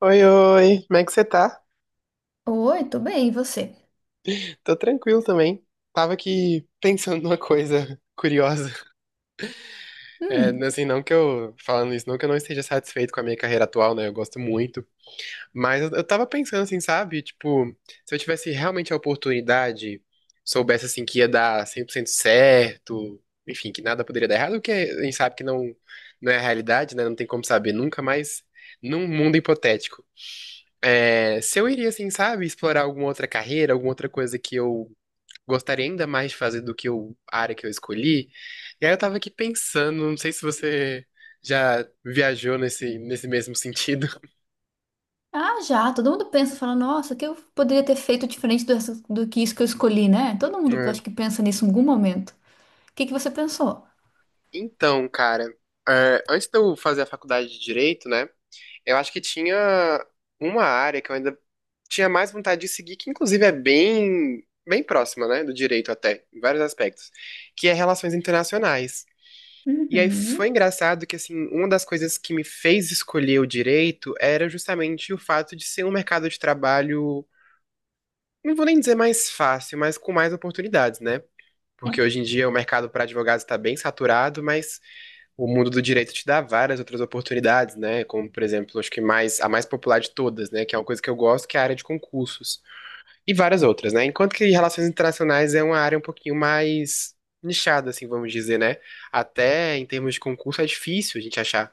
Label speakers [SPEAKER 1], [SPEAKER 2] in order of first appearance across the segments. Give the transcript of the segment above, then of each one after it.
[SPEAKER 1] Oi, oi, como é que você tá?
[SPEAKER 2] Oi, tô bem, e você?
[SPEAKER 1] Tô tranquilo também. Tava aqui pensando numa coisa curiosa. É,
[SPEAKER 2] Hum.
[SPEAKER 1] assim, não que eu, falando isso, não que eu não esteja satisfeito com a minha carreira atual, né? Eu gosto muito. Mas eu tava pensando assim, sabe? Tipo, se eu tivesse realmente a oportunidade, soubesse assim que ia dar 100% certo, enfim, que nada poderia dar errado, o que a gente sabe que não, não é a realidade, né? Não tem como saber nunca, mas num mundo hipotético. É, se eu iria, assim, sabe, explorar alguma outra carreira, alguma outra coisa que eu gostaria ainda mais de fazer do que a área que eu escolhi. E aí eu tava aqui pensando, não sei se você já viajou nesse mesmo sentido.
[SPEAKER 2] Ah, já, todo mundo pensa, fala, nossa, o que eu poderia ter feito diferente do que isso que eu escolhi, né? Todo mundo acho
[SPEAKER 1] É.
[SPEAKER 2] que pensa nisso em algum momento. O que que você pensou?
[SPEAKER 1] Então, cara, é, antes de eu fazer a faculdade de Direito, né, eu acho que tinha uma área que eu ainda tinha mais vontade de seguir, que inclusive é bem próxima, né, do Direito até, em vários aspectos, que é Relações Internacionais. E aí foi
[SPEAKER 2] Uhum.
[SPEAKER 1] engraçado que, assim, uma das coisas que me fez escolher o direito era justamente o fato de ser um mercado de trabalho, não vou nem dizer mais fácil, mas com mais oportunidades, né? Porque
[SPEAKER 2] É.
[SPEAKER 1] hoje em dia o mercado para advogados está bem saturado, mas o mundo do direito te dá várias outras oportunidades, né? Como, por exemplo, a mais popular de todas, né? Que é uma coisa que eu gosto, que é a área de concursos. E várias outras, né? Enquanto que relações internacionais é uma área um pouquinho mais nichada, assim, vamos dizer, né? Até em termos de concurso é difícil a gente achar.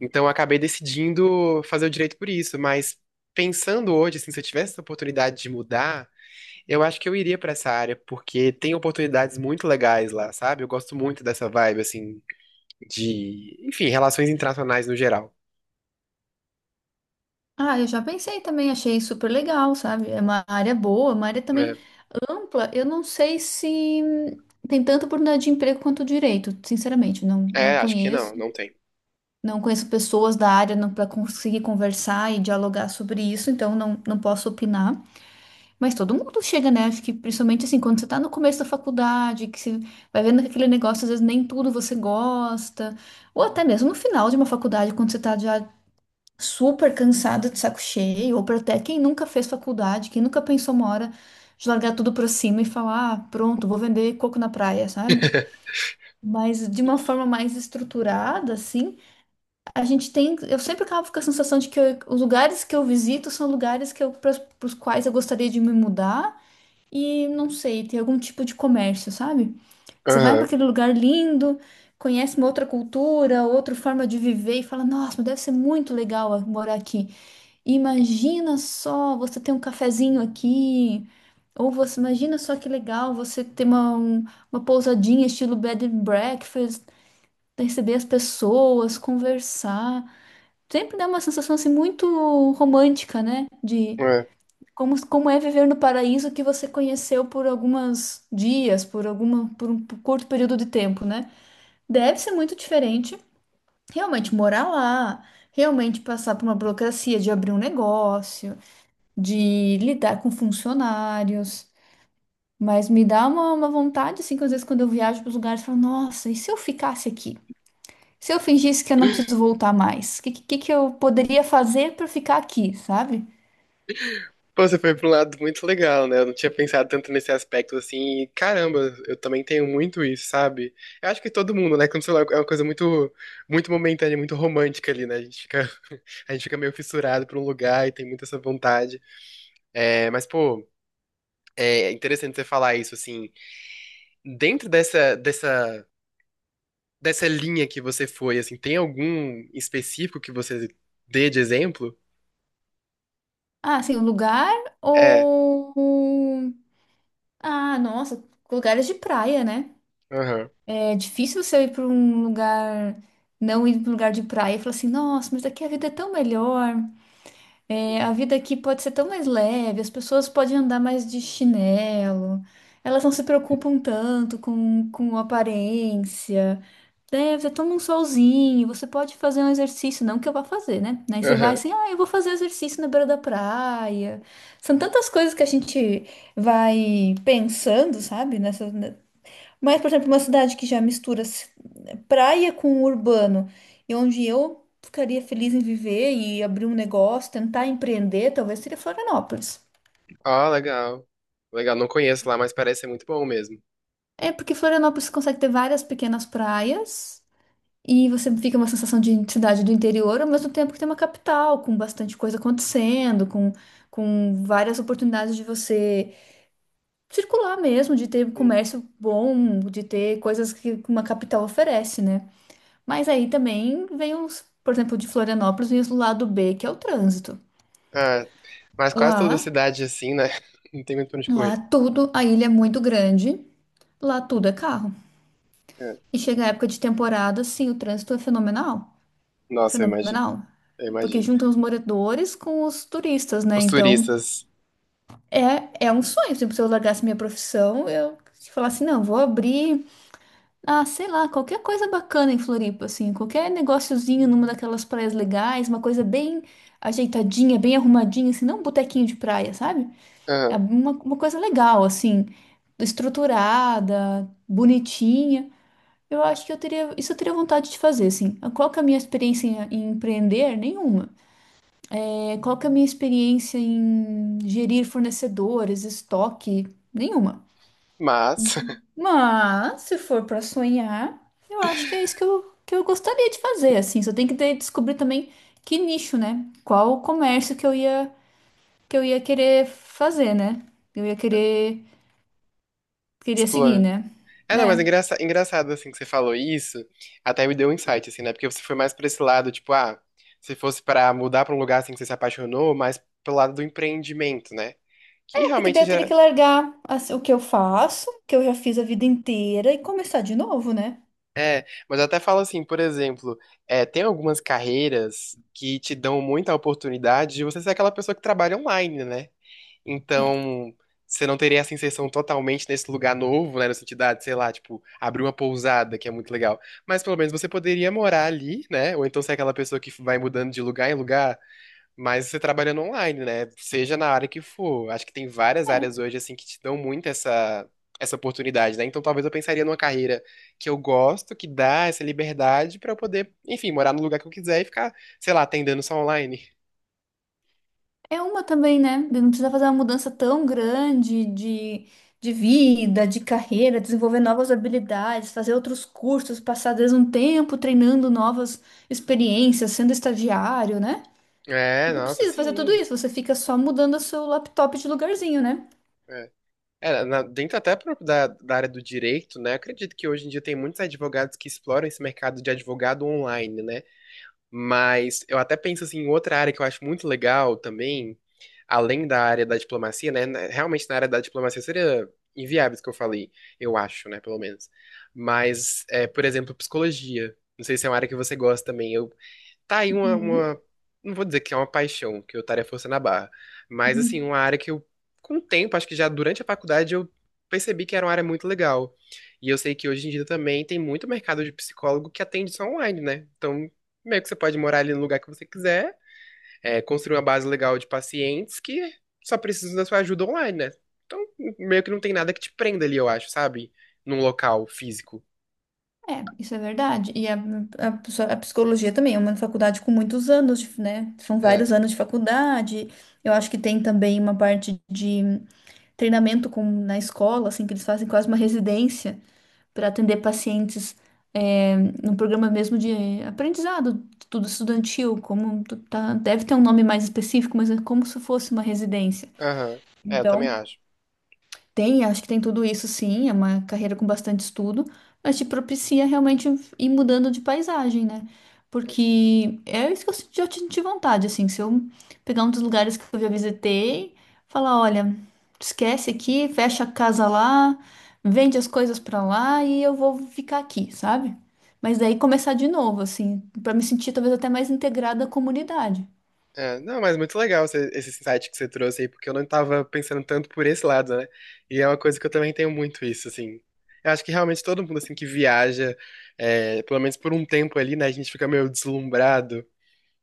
[SPEAKER 1] Então eu acabei decidindo fazer o direito por isso, mas pensando hoje, assim, se eu tivesse essa oportunidade de mudar, eu acho que eu iria pra essa área, porque tem oportunidades muito legais lá, sabe? Eu gosto muito dessa vibe, assim, de, enfim, relações internacionais no geral,
[SPEAKER 2] Ah, eu já pensei também, achei super legal, sabe? É uma área boa, uma área também
[SPEAKER 1] né?
[SPEAKER 2] ampla. Eu não sei se tem tanta oportunidade de emprego quanto direito, sinceramente, não, não
[SPEAKER 1] É, acho que
[SPEAKER 2] conheço.
[SPEAKER 1] não tem.
[SPEAKER 2] Não conheço pessoas da área para conseguir conversar e dialogar sobre isso, então não, não posso opinar. Mas todo mundo chega, né? Acho que principalmente assim, quando você tá no começo da faculdade, que você vai vendo que aquele negócio, às vezes nem tudo você gosta, ou até mesmo no final de uma faculdade, quando você tá já super cansada de saco cheio, ou pra até quem nunca fez faculdade, quem nunca pensou uma hora de largar tudo pra cima e falar, ah, pronto, vou vender coco na praia, sabe? Mas de uma forma mais estruturada, assim, a gente tem. Eu sempre acabo com a sensação de que os lugares que eu visito são lugares para os quais eu gostaria de me mudar e não sei, tem algum tipo de comércio, sabe? Você vai para
[SPEAKER 1] Aham.
[SPEAKER 2] aquele lugar lindo, conhece uma outra cultura, outra forma de viver e fala: Nossa, mas deve ser muito legal, morar aqui. Imagina só você ter um cafezinho aqui. Ou você imagina só que legal você ter uma pousadinha estilo bed and breakfast, receber as pessoas, conversar. Sempre dá uma sensação assim muito romântica, né? De
[SPEAKER 1] É.
[SPEAKER 2] como é viver no paraíso que você conheceu por alguns dias, por um curto período de tempo, né? Deve ser muito diferente realmente morar lá, realmente passar por uma burocracia de abrir um negócio, de lidar com funcionários. Mas me dá uma vontade, assim, que às vezes quando eu viajo para os lugares, eu falo, nossa, e se eu ficasse aqui? Se eu fingisse que eu não preciso voltar mais? O que que eu poderia fazer para ficar aqui, sabe?
[SPEAKER 1] Pô, você foi pra um lado muito legal, né? Eu não tinha pensado tanto nesse aspecto assim. E, caramba, eu também tenho muito isso, sabe? Eu acho que todo mundo, né? Quando o celular é uma coisa muito, muito momentânea, muito romântica ali, né? A gente fica, a gente fica meio fissurado por um lugar e tem muita essa vontade. É, mas, pô, é interessante você falar isso, assim. Dentro dessa, dessa, dessa linha que você foi, assim, tem algum específico que você dê de exemplo?
[SPEAKER 2] Ah, assim, o lugar
[SPEAKER 1] É.
[SPEAKER 2] ou um? Ah, nossa, lugares de praia, né?
[SPEAKER 1] Aham.
[SPEAKER 2] É difícil você ir para um lugar, não ir para um lugar de praia e falar assim, nossa, mas daqui a vida é tão melhor, é, a vida aqui pode ser tão mais leve, as pessoas podem andar mais de chinelo, elas não se preocupam tanto com aparência, né? Você toma um solzinho, você pode fazer um exercício, não que eu vá fazer, né? Aí você vai
[SPEAKER 1] Aham.
[SPEAKER 2] assim, ah, eu vou fazer exercício na beira da praia. São tantas coisas que a gente vai pensando, sabe, nessa, mas, por exemplo, uma cidade que já mistura praia com urbano, e onde eu ficaria feliz em viver e abrir um negócio, tentar empreender, talvez seria Florianópolis.
[SPEAKER 1] Ah, legal. Legal, não conheço lá, mas parece ser muito bom mesmo.
[SPEAKER 2] É porque Florianópolis consegue ter várias pequenas praias e você fica uma sensação de cidade do interior, ao mesmo tempo que tem uma capital com bastante coisa acontecendo, com várias oportunidades de você circular mesmo, de ter
[SPEAKER 1] Hum.
[SPEAKER 2] comércio bom, de ter coisas que uma capital oferece, né? Mas aí também vem os, por exemplo, de Florianópolis e o lado B, que é o trânsito.
[SPEAKER 1] Ah, mas quase toda
[SPEAKER 2] Lá,
[SPEAKER 1] cidade assim, né? Não tem muito pra onde
[SPEAKER 2] lá
[SPEAKER 1] correr.
[SPEAKER 2] tudo, a ilha é muito grande, lá tudo é carro.
[SPEAKER 1] É.
[SPEAKER 2] E chega a época de temporada, sim, o trânsito é fenomenal.
[SPEAKER 1] Nossa, eu imagino.
[SPEAKER 2] Fenomenal.
[SPEAKER 1] Eu
[SPEAKER 2] Porque
[SPEAKER 1] imagino.
[SPEAKER 2] juntam os moradores com os turistas, né?
[SPEAKER 1] Os
[SPEAKER 2] Então,
[SPEAKER 1] turistas.
[SPEAKER 2] é um sonho. Tipo, se eu largasse minha profissão, eu falasse, não, vou abrir. Ah, sei lá, qualquer coisa bacana em Floripa, assim, qualquer negóciozinho numa daquelas praias legais, uma coisa bem ajeitadinha, bem arrumadinha, assim, não um botequinho de praia, sabe? É
[SPEAKER 1] Aham.
[SPEAKER 2] uma coisa legal, assim, estruturada, bonitinha. Eu acho que isso eu teria vontade de fazer, assim. Ah, qual que é a minha experiência em empreender? Nenhuma. É, qual que é a minha experiência em gerir fornecedores, estoque? Nenhuma.
[SPEAKER 1] Mas,
[SPEAKER 2] Mas, se for para sonhar, eu acho que é isso que eu gostaria de fazer, assim. Só tem que descobrir também que nicho, né? Qual comércio que eu ia querer fazer, né? Eu ia querer, queria seguir,
[SPEAKER 1] explana.
[SPEAKER 2] né?
[SPEAKER 1] É, não, mas
[SPEAKER 2] É.
[SPEAKER 1] engraçado, assim, que você falou isso, até me deu um insight, assim, né? Porque você foi mais pra esse lado, tipo, ah, se fosse pra mudar pra um lugar, assim, que você se apaixonou, mais pelo lado do empreendimento, né? Que
[SPEAKER 2] É, porque
[SPEAKER 1] realmente.
[SPEAKER 2] daí eu teria que largar assim, o que eu faço, que eu já fiz a vida inteira, e começar de novo, né?
[SPEAKER 1] Mas eu até falo assim, por exemplo, é, tem algumas carreiras que te dão muita oportunidade de você ser aquela pessoa que trabalha online, né? Então, você não teria essa inserção totalmente nesse lugar novo, né? No sentido, ah, de, ah, sei lá, tipo, abrir uma pousada, que é muito legal. Mas pelo menos você poderia morar ali, né? Ou então ser aquela pessoa que vai mudando de lugar em lugar, mas você trabalhando online, né? Seja na área que for. Acho que tem várias áreas
[SPEAKER 2] É.
[SPEAKER 1] hoje, assim, que te dão muito essa oportunidade, né? Então talvez eu pensaria numa carreira que eu gosto, que dá essa liberdade pra eu poder, enfim, morar no lugar que eu quiser e ficar, sei lá, atendendo só online.
[SPEAKER 2] É uma também, né? De Não precisa fazer uma mudança tão grande de vida, de carreira, desenvolver novas habilidades, fazer outros cursos, passar às vezes um tempo treinando novas experiências, sendo estagiário, né?
[SPEAKER 1] É,
[SPEAKER 2] Não
[SPEAKER 1] nossa,
[SPEAKER 2] precisa fazer tudo
[SPEAKER 1] sim.
[SPEAKER 2] isso, você fica só mudando o seu laptop de lugarzinho, né?
[SPEAKER 1] É. É, na- dentro até pro- da, da área do direito, né? Acredito que hoje em dia tem muitos advogados que exploram esse mercado de advogado online, né? Mas eu até penso assim, em outra área que eu acho muito legal também, além da área da diplomacia, né? Realmente na área da diplomacia seria inviável isso que eu falei, eu acho, né? Pelo menos. Mas, é, por exemplo, psicologia. Não sei se é uma área que você gosta também. Eu, tá aí
[SPEAKER 2] Uhum,
[SPEAKER 1] não vou dizer que é uma paixão, que eu estaria forçando a barra. Mas,
[SPEAKER 2] uhum.
[SPEAKER 1] assim, uma área que eu, com o tempo, acho que já durante a faculdade, eu percebi que era uma área muito legal. E eu sei que hoje em dia também tem muito mercado de psicólogo que atende só online, né? Então, meio que você pode morar ali no lugar que você quiser, é, construir uma base legal de pacientes que só precisam da sua ajuda online, né? Então, meio que não tem nada que te prenda ali, eu acho, sabe? Num local físico.
[SPEAKER 2] É, isso é verdade. E a psicologia também é uma faculdade com muitos anos, né? São
[SPEAKER 1] É.
[SPEAKER 2] vários anos de faculdade. Eu acho que tem também uma parte de treinamento na escola, assim, que eles fazem quase uma residência para atender pacientes, é, num programa mesmo de aprendizado, tudo estudantil, como tá, deve ter um nome mais específico, mas é como se fosse uma residência.
[SPEAKER 1] Aham. É, eu também
[SPEAKER 2] Então,
[SPEAKER 1] acho.
[SPEAKER 2] acho que tem tudo isso sim, é uma carreira com bastante estudo, mas te propicia realmente ir mudando de paisagem, né? Porque é isso que eu senti vontade, assim, se eu pegar um dos lugares que eu já visitei, falar, olha, esquece aqui, fecha a casa lá, vende as coisas pra lá e eu vou ficar aqui, sabe? Mas daí começar de novo, assim, pra me sentir talvez até mais integrada à comunidade.
[SPEAKER 1] É, não, mas muito legal esse insight que você trouxe aí, porque eu não tava pensando tanto por esse lado, né? E é uma coisa que eu também tenho muito isso, assim. Eu acho que realmente todo mundo, assim, que viaja, é, pelo menos por um tempo ali, né, a gente fica meio deslumbrado.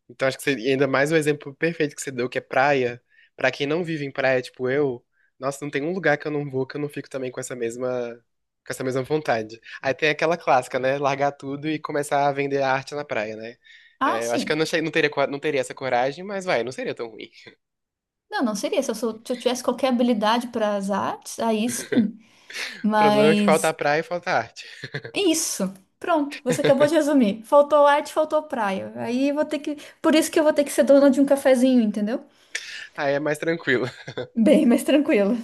[SPEAKER 1] Então acho que e ainda mais o exemplo perfeito que você deu, que é praia. Pra quem não vive em praia, tipo eu, nossa, não tem um lugar que eu não vou que eu não fico também com com essa mesma vontade. Aí tem aquela clássica, né? Largar tudo e começar a vender arte na praia, né?
[SPEAKER 2] Ah,
[SPEAKER 1] É, eu acho que eu
[SPEAKER 2] sim.
[SPEAKER 1] não teria essa coragem, mas vai, não seria tão ruim.
[SPEAKER 2] Não, não seria. Se eu tivesse qualquer habilidade para as artes, aí sim.
[SPEAKER 1] O problema é que falta a
[SPEAKER 2] Mas
[SPEAKER 1] praia e falta a arte.
[SPEAKER 2] é isso. Pronto, você acabou de resumir. Faltou arte, faltou praia. Aí eu vou ter que. Por isso que eu vou ter que ser dona de um cafezinho, entendeu?
[SPEAKER 1] Aí é mais tranquilo.
[SPEAKER 2] Bem, mas tranquilo.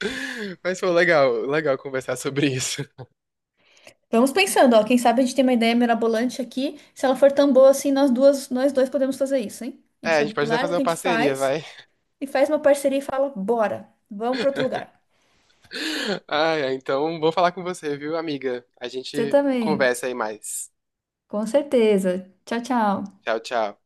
[SPEAKER 1] Mas foi legal conversar sobre isso.
[SPEAKER 2] Vamos pensando, ó. Quem sabe a gente tem uma ideia mirabolante aqui. Se ela for tão boa assim, nós duas, nós dois podemos fazer isso, hein? A
[SPEAKER 1] É,
[SPEAKER 2] gente
[SPEAKER 1] a gente pode até
[SPEAKER 2] larga
[SPEAKER 1] fazer
[SPEAKER 2] o
[SPEAKER 1] uma
[SPEAKER 2] que a gente
[SPEAKER 1] parceria,
[SPEAKER 2] faz
[SPEAKER 1] vai.
[SPEAKER 2] e faz uma parceria e fala: bora, vamos para outro lugar.
[SPEAKER 1] Ai, ai, então vou falar com você, viu, amiga? A
[SPEAKER 2] Você
[SPEAKER 1] gente
[SPEAKER 2] também,
[SPEAKER 1] conversa aí mais.
[SPEAKER 2] com certeza. Tchau, tchau.
[SPEAKER 1] Tchau, tchau.